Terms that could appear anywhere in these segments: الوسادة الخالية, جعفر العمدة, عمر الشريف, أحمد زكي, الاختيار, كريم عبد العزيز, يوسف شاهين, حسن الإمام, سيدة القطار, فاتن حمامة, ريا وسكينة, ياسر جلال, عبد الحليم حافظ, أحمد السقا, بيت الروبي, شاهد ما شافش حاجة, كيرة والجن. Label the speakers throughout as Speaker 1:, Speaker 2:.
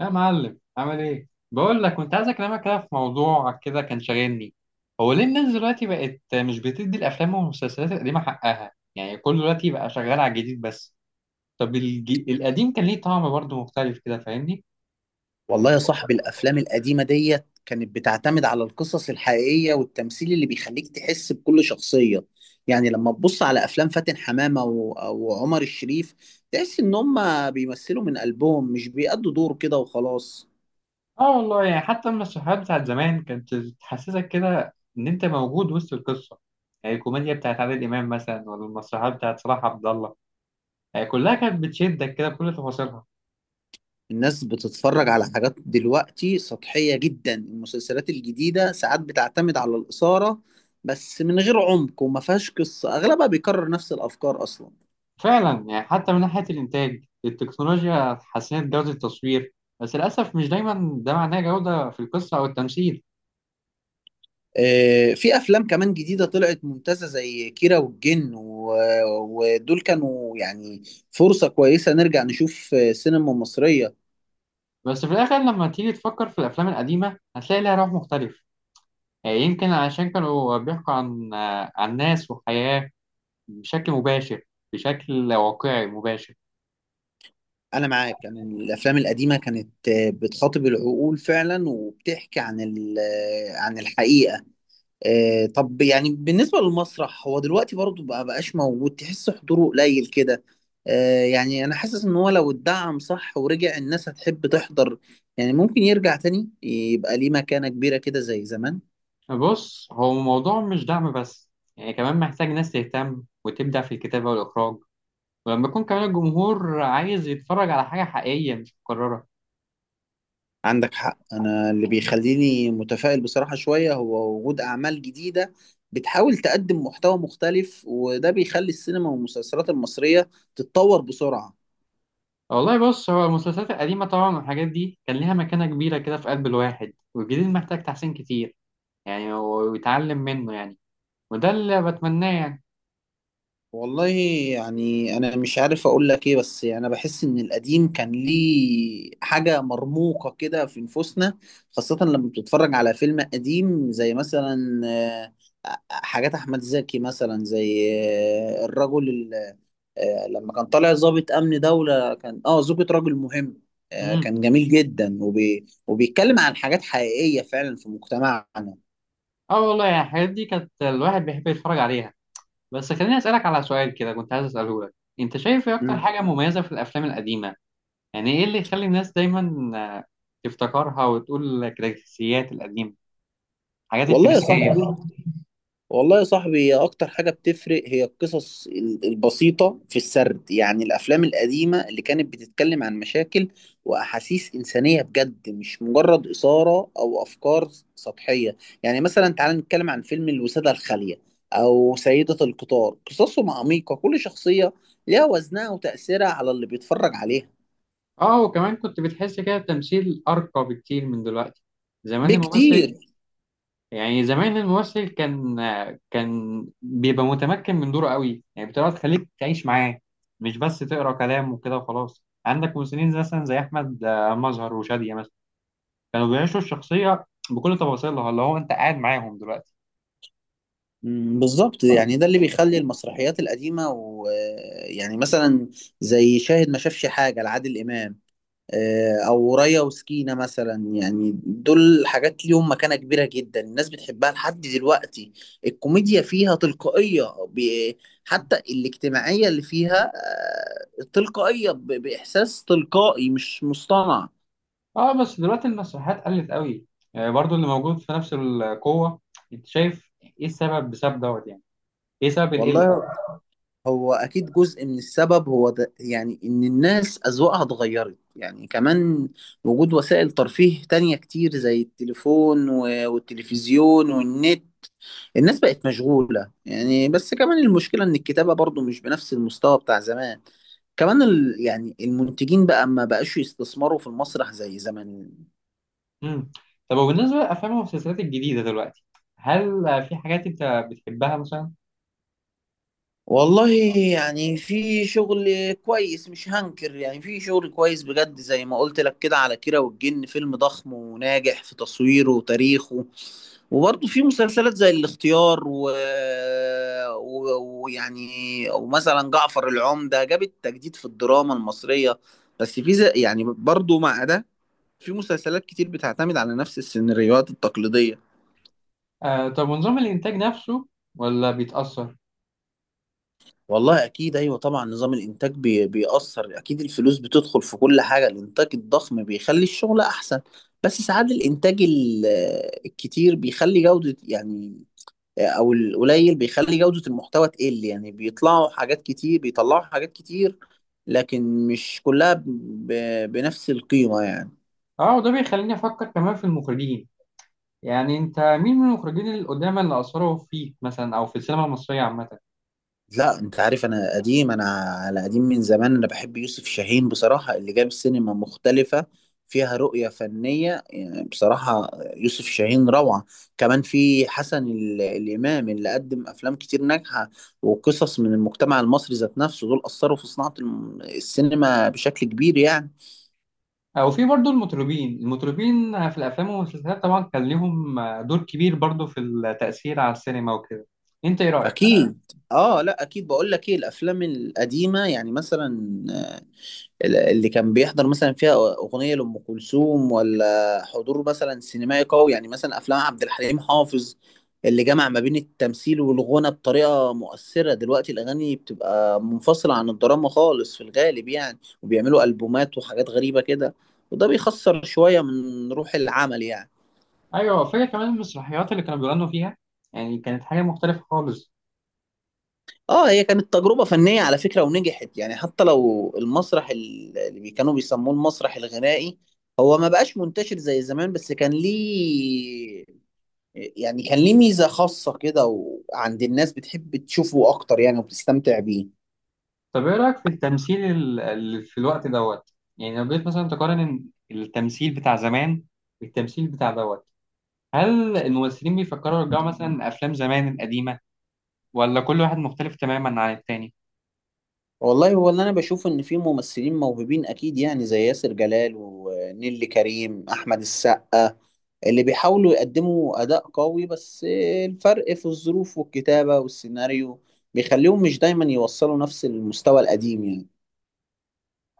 Speaker 1: يا معلم، عامل ايه؟ بقول لك كنت عايز اكلمك كده في موضوع كده كان شاغلني. هو ليه الناس دلوقتي بقت مش بتدي الافلام والمسلسلات القديمه حقها؟ يعني كل دلوقتي بقى شغال على الجديد بس. طب القديم كان ليه طعم برضه مختلف كده، فاهمني؟
Speaker 2: والله يا صاحبي الافلام القديمه ديت كانت بتعتمد على القصص الحقيقيه والتمثيل اللي بيخليك تحس بكل شخصيه. يعني لما تبص على افلام فاتن حمامه و- وعمر الشريف، تحس ان هم بيمثلوا من قلبهم، مش بيأدوا دور كده وخلاص.
Speaker 1: اه والله، يعني حتى المسرحيات بتاعت زمان كانت تحسسك كده ان انت موجود وسط القصه. يعني الكوميديا بتاعت عادل امام مثلا، ولا المسرحيات بتاعت صلاح عبد الله، يعني كلها كانت بتشدك كده بكل تفاصيلها.
Speaker 2: الناس بتتفرج على حاجات دلوقتي سطحيه جدا، المسلسلات الجديده ساعات بتعتمد على الاثاره بس من غير عمق، وما فيهاش قصه، اغلبها بيكرر نفس الافكار اصلا.
Speaker 1: فعلا، يعني حتى من ناحية الإنتاج التكنولوجيا حسنت جودة التصوير، بس للأسف مش دايما ده معناه جودة في القصة أو التمثيل.
Speaker 2: في افلام كمان جديده طلعت ممتازه زي كيرة والجن و- ودول كانوا يعني فرصه كويسه نرجع نشوف سينما مصريه.
Speaker 1: بس في الآخر لما تيجي تفكر في الأفلام القديمة هتلاقي لها روح مختلف. يعني يمكن عشان كانوا بيحكوا عن ناس وحياة بشكل مباشر، بشكل واقعي مباشر.
Speaker 2: انا معاك، انا الافلام القديمه كانت بتخاطب العقول فعلا وبتحكي عن عن الحقيقه. طب يعني بالنسبة للمسرح هو دلوقتي برضه بقى بقاش موجود، تحس حضوره قليل كده. يعني أنا حاسس إن هو لو اتدعم صح ورجع، الناس هتحب تحضر. يعني ممكن يرجع تاني يبقى ليه مكانة كبيرة كده زي زمان.
Speaker 1: بص، هو الموضوع مش دعم بس، يعني كمان محتاج ناس تهتم وتبدع في الكتابة والإخراج، ولما يكون كمان الجمهور عايز يتفرج على حاجة حقيقية مش مكررة.
Speaker 2: عندك حق، أنا اللي بيخليني متفائل بصراحة شوية هو وجود أعمال جديدة بتحاول تقدم محتوى مختلف، وده بيخلي السينما والمسلسلات المصرية تتطور بسرعة.
Speaker 1: والله بص، هو المسلسلات القديمة طبعا والحاجات دي كان ليها مكانة كبيرة كده في قلب الواحد، والجديد محتاج تحسين كتير، يعني ويتعلم منه يعني، وده اللي بتمناه يعني.
Speaker 2: والله، يعني انا مش عارف اقول لك ايه، بس يعني انا بحس ان القديم كان ليه حاجه مرموقه كده في نفوسنا، خاصه لما بتتفرج على فيلم قديم زي مثلا حاجات احمد زكي، مثلا زي الرجل ال- آه، لما كان طالع ضابط امن دوله، كان اه زوجة رجل مهم.
Speaker 1: امم.
Speaker 2: كان جميل جدا وبي... وبيتكلم عن حاجات حقيقيه فعلا في مجتمعنا.
Speaker 1: اه والله، يعني الحاجات دي كانت الواحد بيحب يتفرج عليها. بس خليني أسألك على سؤال كده كنت عايز أسأله لك. أنت شايف إيه أكتر
Speaker 2: مم.
Speaker 1: حاجة مميزة في الأفلام القديمة؟ يعني إيه اللي يخلي الناس دايما آه، تفتكرها وتقول كلاسيكيات القديمة، الحاجات
Speaker 2: والله يا
Speaker 1: الكلاسيكية.
Speaker 2: صاحبي، هي اكتر حاجة بتفرق هي البسيطة في السرد. يعني الافلام القديمة اللي كانت بتتكلم عن مشاكل واحاسيس انسانية بجد، مش مجرد اثارة او افكار سطحية. يعني مثلا تعال نتكلم عن فيلم الوسادة الخالية او سيدة القطار، قصصهم عميقة، كل شخصية ليها وزنها وتأثيرها على اللي بيتفرج عليها.
Speaker 1: اه وكمان كنت بتحس كده التمثيل أرقى بكتير من دلوقتي. زمان الممثل
Speaker 2: بكتير.
Speaker 1: يعني زمان الممثل كان بيبقى متمكن من دوره قوي، يعني بتبقى تخليك تعيش معاه، مش بس تقرا كلام وكده وخلاص. عندك ممثلين مثلا زي احمد مظهر وشادية مثلا كانوا بيعيشوا الشخصيه بكل تفاصيلها اللي هو انت قاعد معاهم دلوقتي.
Speaker 2: مم، بالظبط، يعني ده اللي بيخلي المسرحيات القديمة، ويعني مثلا زي شاهد ما شافش حاجة لعادل إمام، او ريا وسكينة مثلا، يعني دول حاجات ليهم مكانة كبيرة جدا، الناس بتحبها لحد دلوقتي. الكوميديا فيها تلقائية، ب- حتى الاجتماعية اللي فيها تلقائية، بإحساس تلقائي مش مصطنع.
Speaker 1: اه بس دلوقتي المسرحيات قلت قوي، برضو اللي موجود في نفس القوه. انت شايف ايه السبب؟ بسبب دوت يعني، ايه سبب القله؟
Speaker 2: والله، هو أكيد جزء من السبب هو ده، يعني إن الناس أذواقها اتغيرت، يعني كمان وجود وسائل ترفيه تانية كتير زي التليفون و- والتلفزيون والنت، الناس بقت مشغولة يعني. بس كمان المشكلة إن الكتابة برضو مش بنفس المستوى بتاع زمان. كمان يعني المنتجين بقى ما بقاش يستثمروا في المسرح زي زمان.
Speaker 1: امم. طب وبالنسبه للافلام والمسلسلات الجديده دلوقتي، هل في حاجات انت بتحبها مثلا؟
Speaker 2: والله يعني في شغل كويس مش هنكر، يعني في شغل كويس بجد، زي ما قلت لك كده على كيرة والجن، فيلم ضخم وناجح في تصويره وتاريخه. وبرضه في مسلسلات زي الاختيار و... و- ويعني ومثلا جعفر العمدة، جابت تجديد في الدراما المصرية. بس يعني برضه مع ده في مسلسلات كتير بتعتمد على نفس السيناريوهات التقليدية.
Speaker 1: آه طب، ونظام الإنتاج نفسه ولا بيتأثر؟
Speaker 2: والله أكيد أيوة طبعا، نظام الإنتاج بيأثر أكيد. الفلوس بتدخل في كل حاجة، الإنتاج الضخم بيخلي الشغل أحسن، بس ساعات الإنتاج الكتير بيخلي جودة يعني، او القليل بيخلي جودة المحتوى تقل، يعني بيطلعوا حاجات كتير، لكن مش كلها بنفس القيمة يعني.
Speaker 1: اه وده بيخليني أفكر كمان في المخرجين. يعني أنت مين من المخرجين القدامى اللي أثروا فيك مثلا أو في السينما المصرية عامة؟
Speaker 2: لا انت عارف انا قديم، على قديم من زمان، انا بحب يوسف شاهين بصراحة، اللي جاب سينما مختلفة فيها رؤية فنية، يعني بصراحة يوسف شاهين روعة. كمان في حسن الإمام اللي قدم أفلام كتير ناجحة وقصص من المجتمع المصري ذات نفسه. دول أثروا في صناعة السينما بشكل كبير يعني.
Speaker 1: أو في برضو المطربين، المطربين في الأفلام والمسلسلات طبعا كان ليهم دور كبير برضو في التأثير على السينما وكده، أنت إيه رأيك؟
Speaker 2: اكيد. اه، لا اكيد، بقول لك ايه، الافلام القديمه يعني مثلا اللي كان بيحضر مثلا فيها اغنيه لام كلثوم، ولا حضور مثلا سينمائي قوي، يعني مثلا افلام عبد الحليم حافظ اللي جمع ما بين التمثيل والغنى بطريقه مؤثره. دلوقتي الاغاني بتبقى منفصله عن الدراما خالص في الغالب يعني، وبيعملوا البومات وحاجات غريبه كده، وده بيخسر شويه من روح العمل يعني.
Speaker 1: أيوه، فاكر كمان المسرحيات اللي كانوا بيغنوا فيها، يعني كانت حاجة مختلفة خالص.
Speaker 2: اه، هي كانت تجربة فنية على فكرة، ونجحت يعني، حتى لو المسرح كانوا بيسموه المسرح الغنائي هو ما بقاش منتشر زي زمان، بس كان ليه يعني، كان ليه ميزة خاصة كده، وعند الناس بتحب تشوفه أكتر يعني وبتستمتع بيه.
Speaker 1: طب ايه رأيك في التمثيل في الوقت دوت؟ يعني لو جيت مثلا تقارن إن التمثيل بتاع زمان بالتمثيل بتاع دوت، هل الممثلين بيفكروا يرجعوا مثلا افلام زمان القديمة، ولا كل واحد مختلف تماما عن التاني؟
Speaker 2: والله هو اللي أنا بشوف إن في ممثلين موهوبين أكيد يعني، زي ياسر جلال ونيلي كريم أحمد السقا، اللي بيحاولوا يقدموا أداء قوي. بس الفرق في الظروف والكتابة والسيناريو بيخليهم مش دايما يوصلوا نفس المستوى القديم يعني.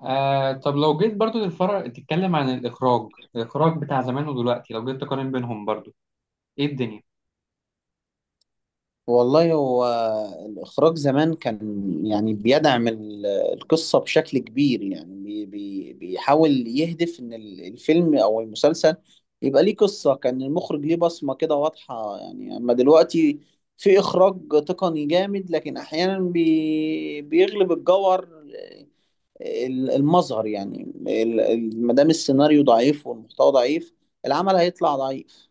Speaker 1: آه طب، لو جيت برضو للفرق تتكلم عن الإخراج، الإخراج بتاع زمان ودلوقتي لو جيت تقارن بينهم برضو، ايه الدنيا؟
Speaker 2: والله هو الإخراج زمان كان يعني بيدعم القصة بشكل كبير، يعني بي بي بيحاول يهدف إن الفيلم أو المسلسل يبقى ليه قصة، كان المخرج ليه بصمة كده واضحة يعني. أما دلوقتي في إخراج تقني جامد، لكن أحيانا بيغلب الجوهر المظهر يعني، ما دام السيناريو ضعيف والمحتوى ضعيف، العمل هيطلع ضعيف.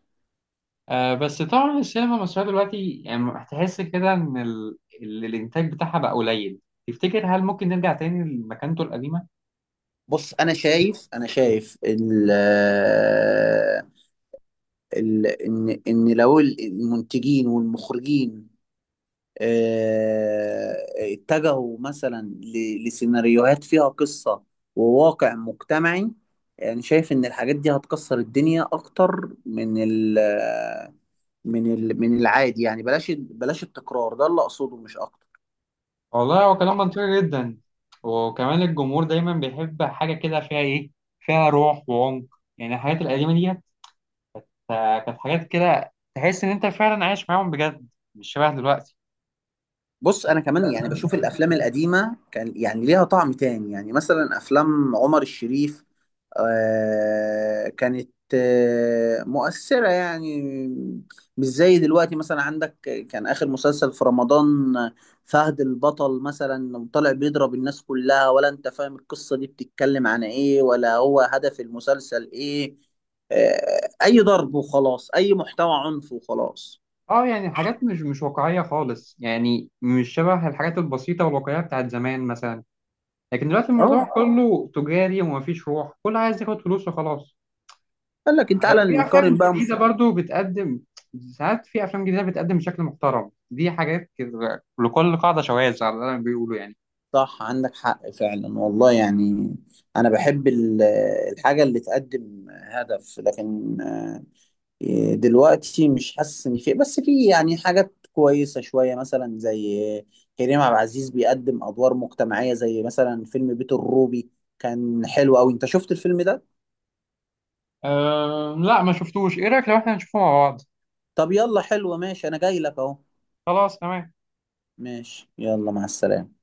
Speaker 1: آه بس طبعا السينما المصرية دلوقتي يعني هتحس كده ان الإنتاج بتاعها بقى قليل. تفتكر هل ممكن نرجع تاني لمكانته القديمة؟
Speaker 2: بص، انا شايف، انا شايف ال ال ان ان لو المنتجين والمخرجين آه، اتجهوا مثلا لسيناريوهات فيها قصة وواقع مجتمعي، يعني شايف ان الحاجات دي هتكسر الدنيا اكتر من ال من ال من العادي يعني. بلاش التكرار ده اللي اقصده مش اكتر.
Speaker 1: والله هو كلام منطقي جدا. وكمان الجمهور دايما بيحب حاجة كده فيها إيه؟ فيها روح وعمق. يعني الحاجات القديمة ديت كانت حاجات كده تحس إن أنت فعلا عايش معاهم بجد، مش شبه دلوقتي.
Speaker 2: بص انا كمان يعني بشوف الافلام القديمه كان يعني ليها طعم تاني، يعني مثلا افلام عمر الشريف، آه كانت آه مؤثره يعني، مش زي دلوقتي. مثلا عندك كان اخر مسلسل في رمضان فهد البطل مثلا، طالع بيضرب الناس كلها، ولا انت فاهم القصه دي بتتكلم عن ايه، ولا هو هدف المسلسل ايه، آه اي ضرب وخلاص، اي محتوى عنف وخلاص.
Speaker 1: اه يعني حاجات مش واقعية خالص، يعني مش شبه الحاجات البسيطة والواقعية بتاعت زمان مثلا. لكن دلوقتي الموضوع
Speaker 2: اه،
Speaker 1: كله تجاري ومفيش روح، كله عايز ياخد فلوس وخلاص.
Speaker 2: قال لك تعالى
Speaker 1: في افلام
Speaker 2: نقارن بقى.
Speaker 1: جديده برضو بتقدم، ساعات في افلام جديده بتقدم بشكل محترم. دي حاجات كده لكل قاعده شواذ على اللي أنا بيقولوا يعني.
Speaker 2: صح، عندك حق فعلا والله يعني. انا بحب الحاجه اللي تقدم هدف، لكن دلوقتي مش حاسس ان في، بس في يعني حاجات كويسه شويه، مثلا زي كريم عبد العزيز، بيقدم ادوار مجتمعيه زي مثلا فيلم بيت الروبي، كان حلو قوي. انت شفت الفيلم ده؟
Speaker 1: أه لا، ما شفتوش. ايه رايك لو احنا نشوفه مع بعض؟
Speaker 2: طب يلا حلو ماشي، انا جاي لك اهو.
Speaker 1: خلاص تمام.
Speaker 2: ماشي، يلا مع السلامه.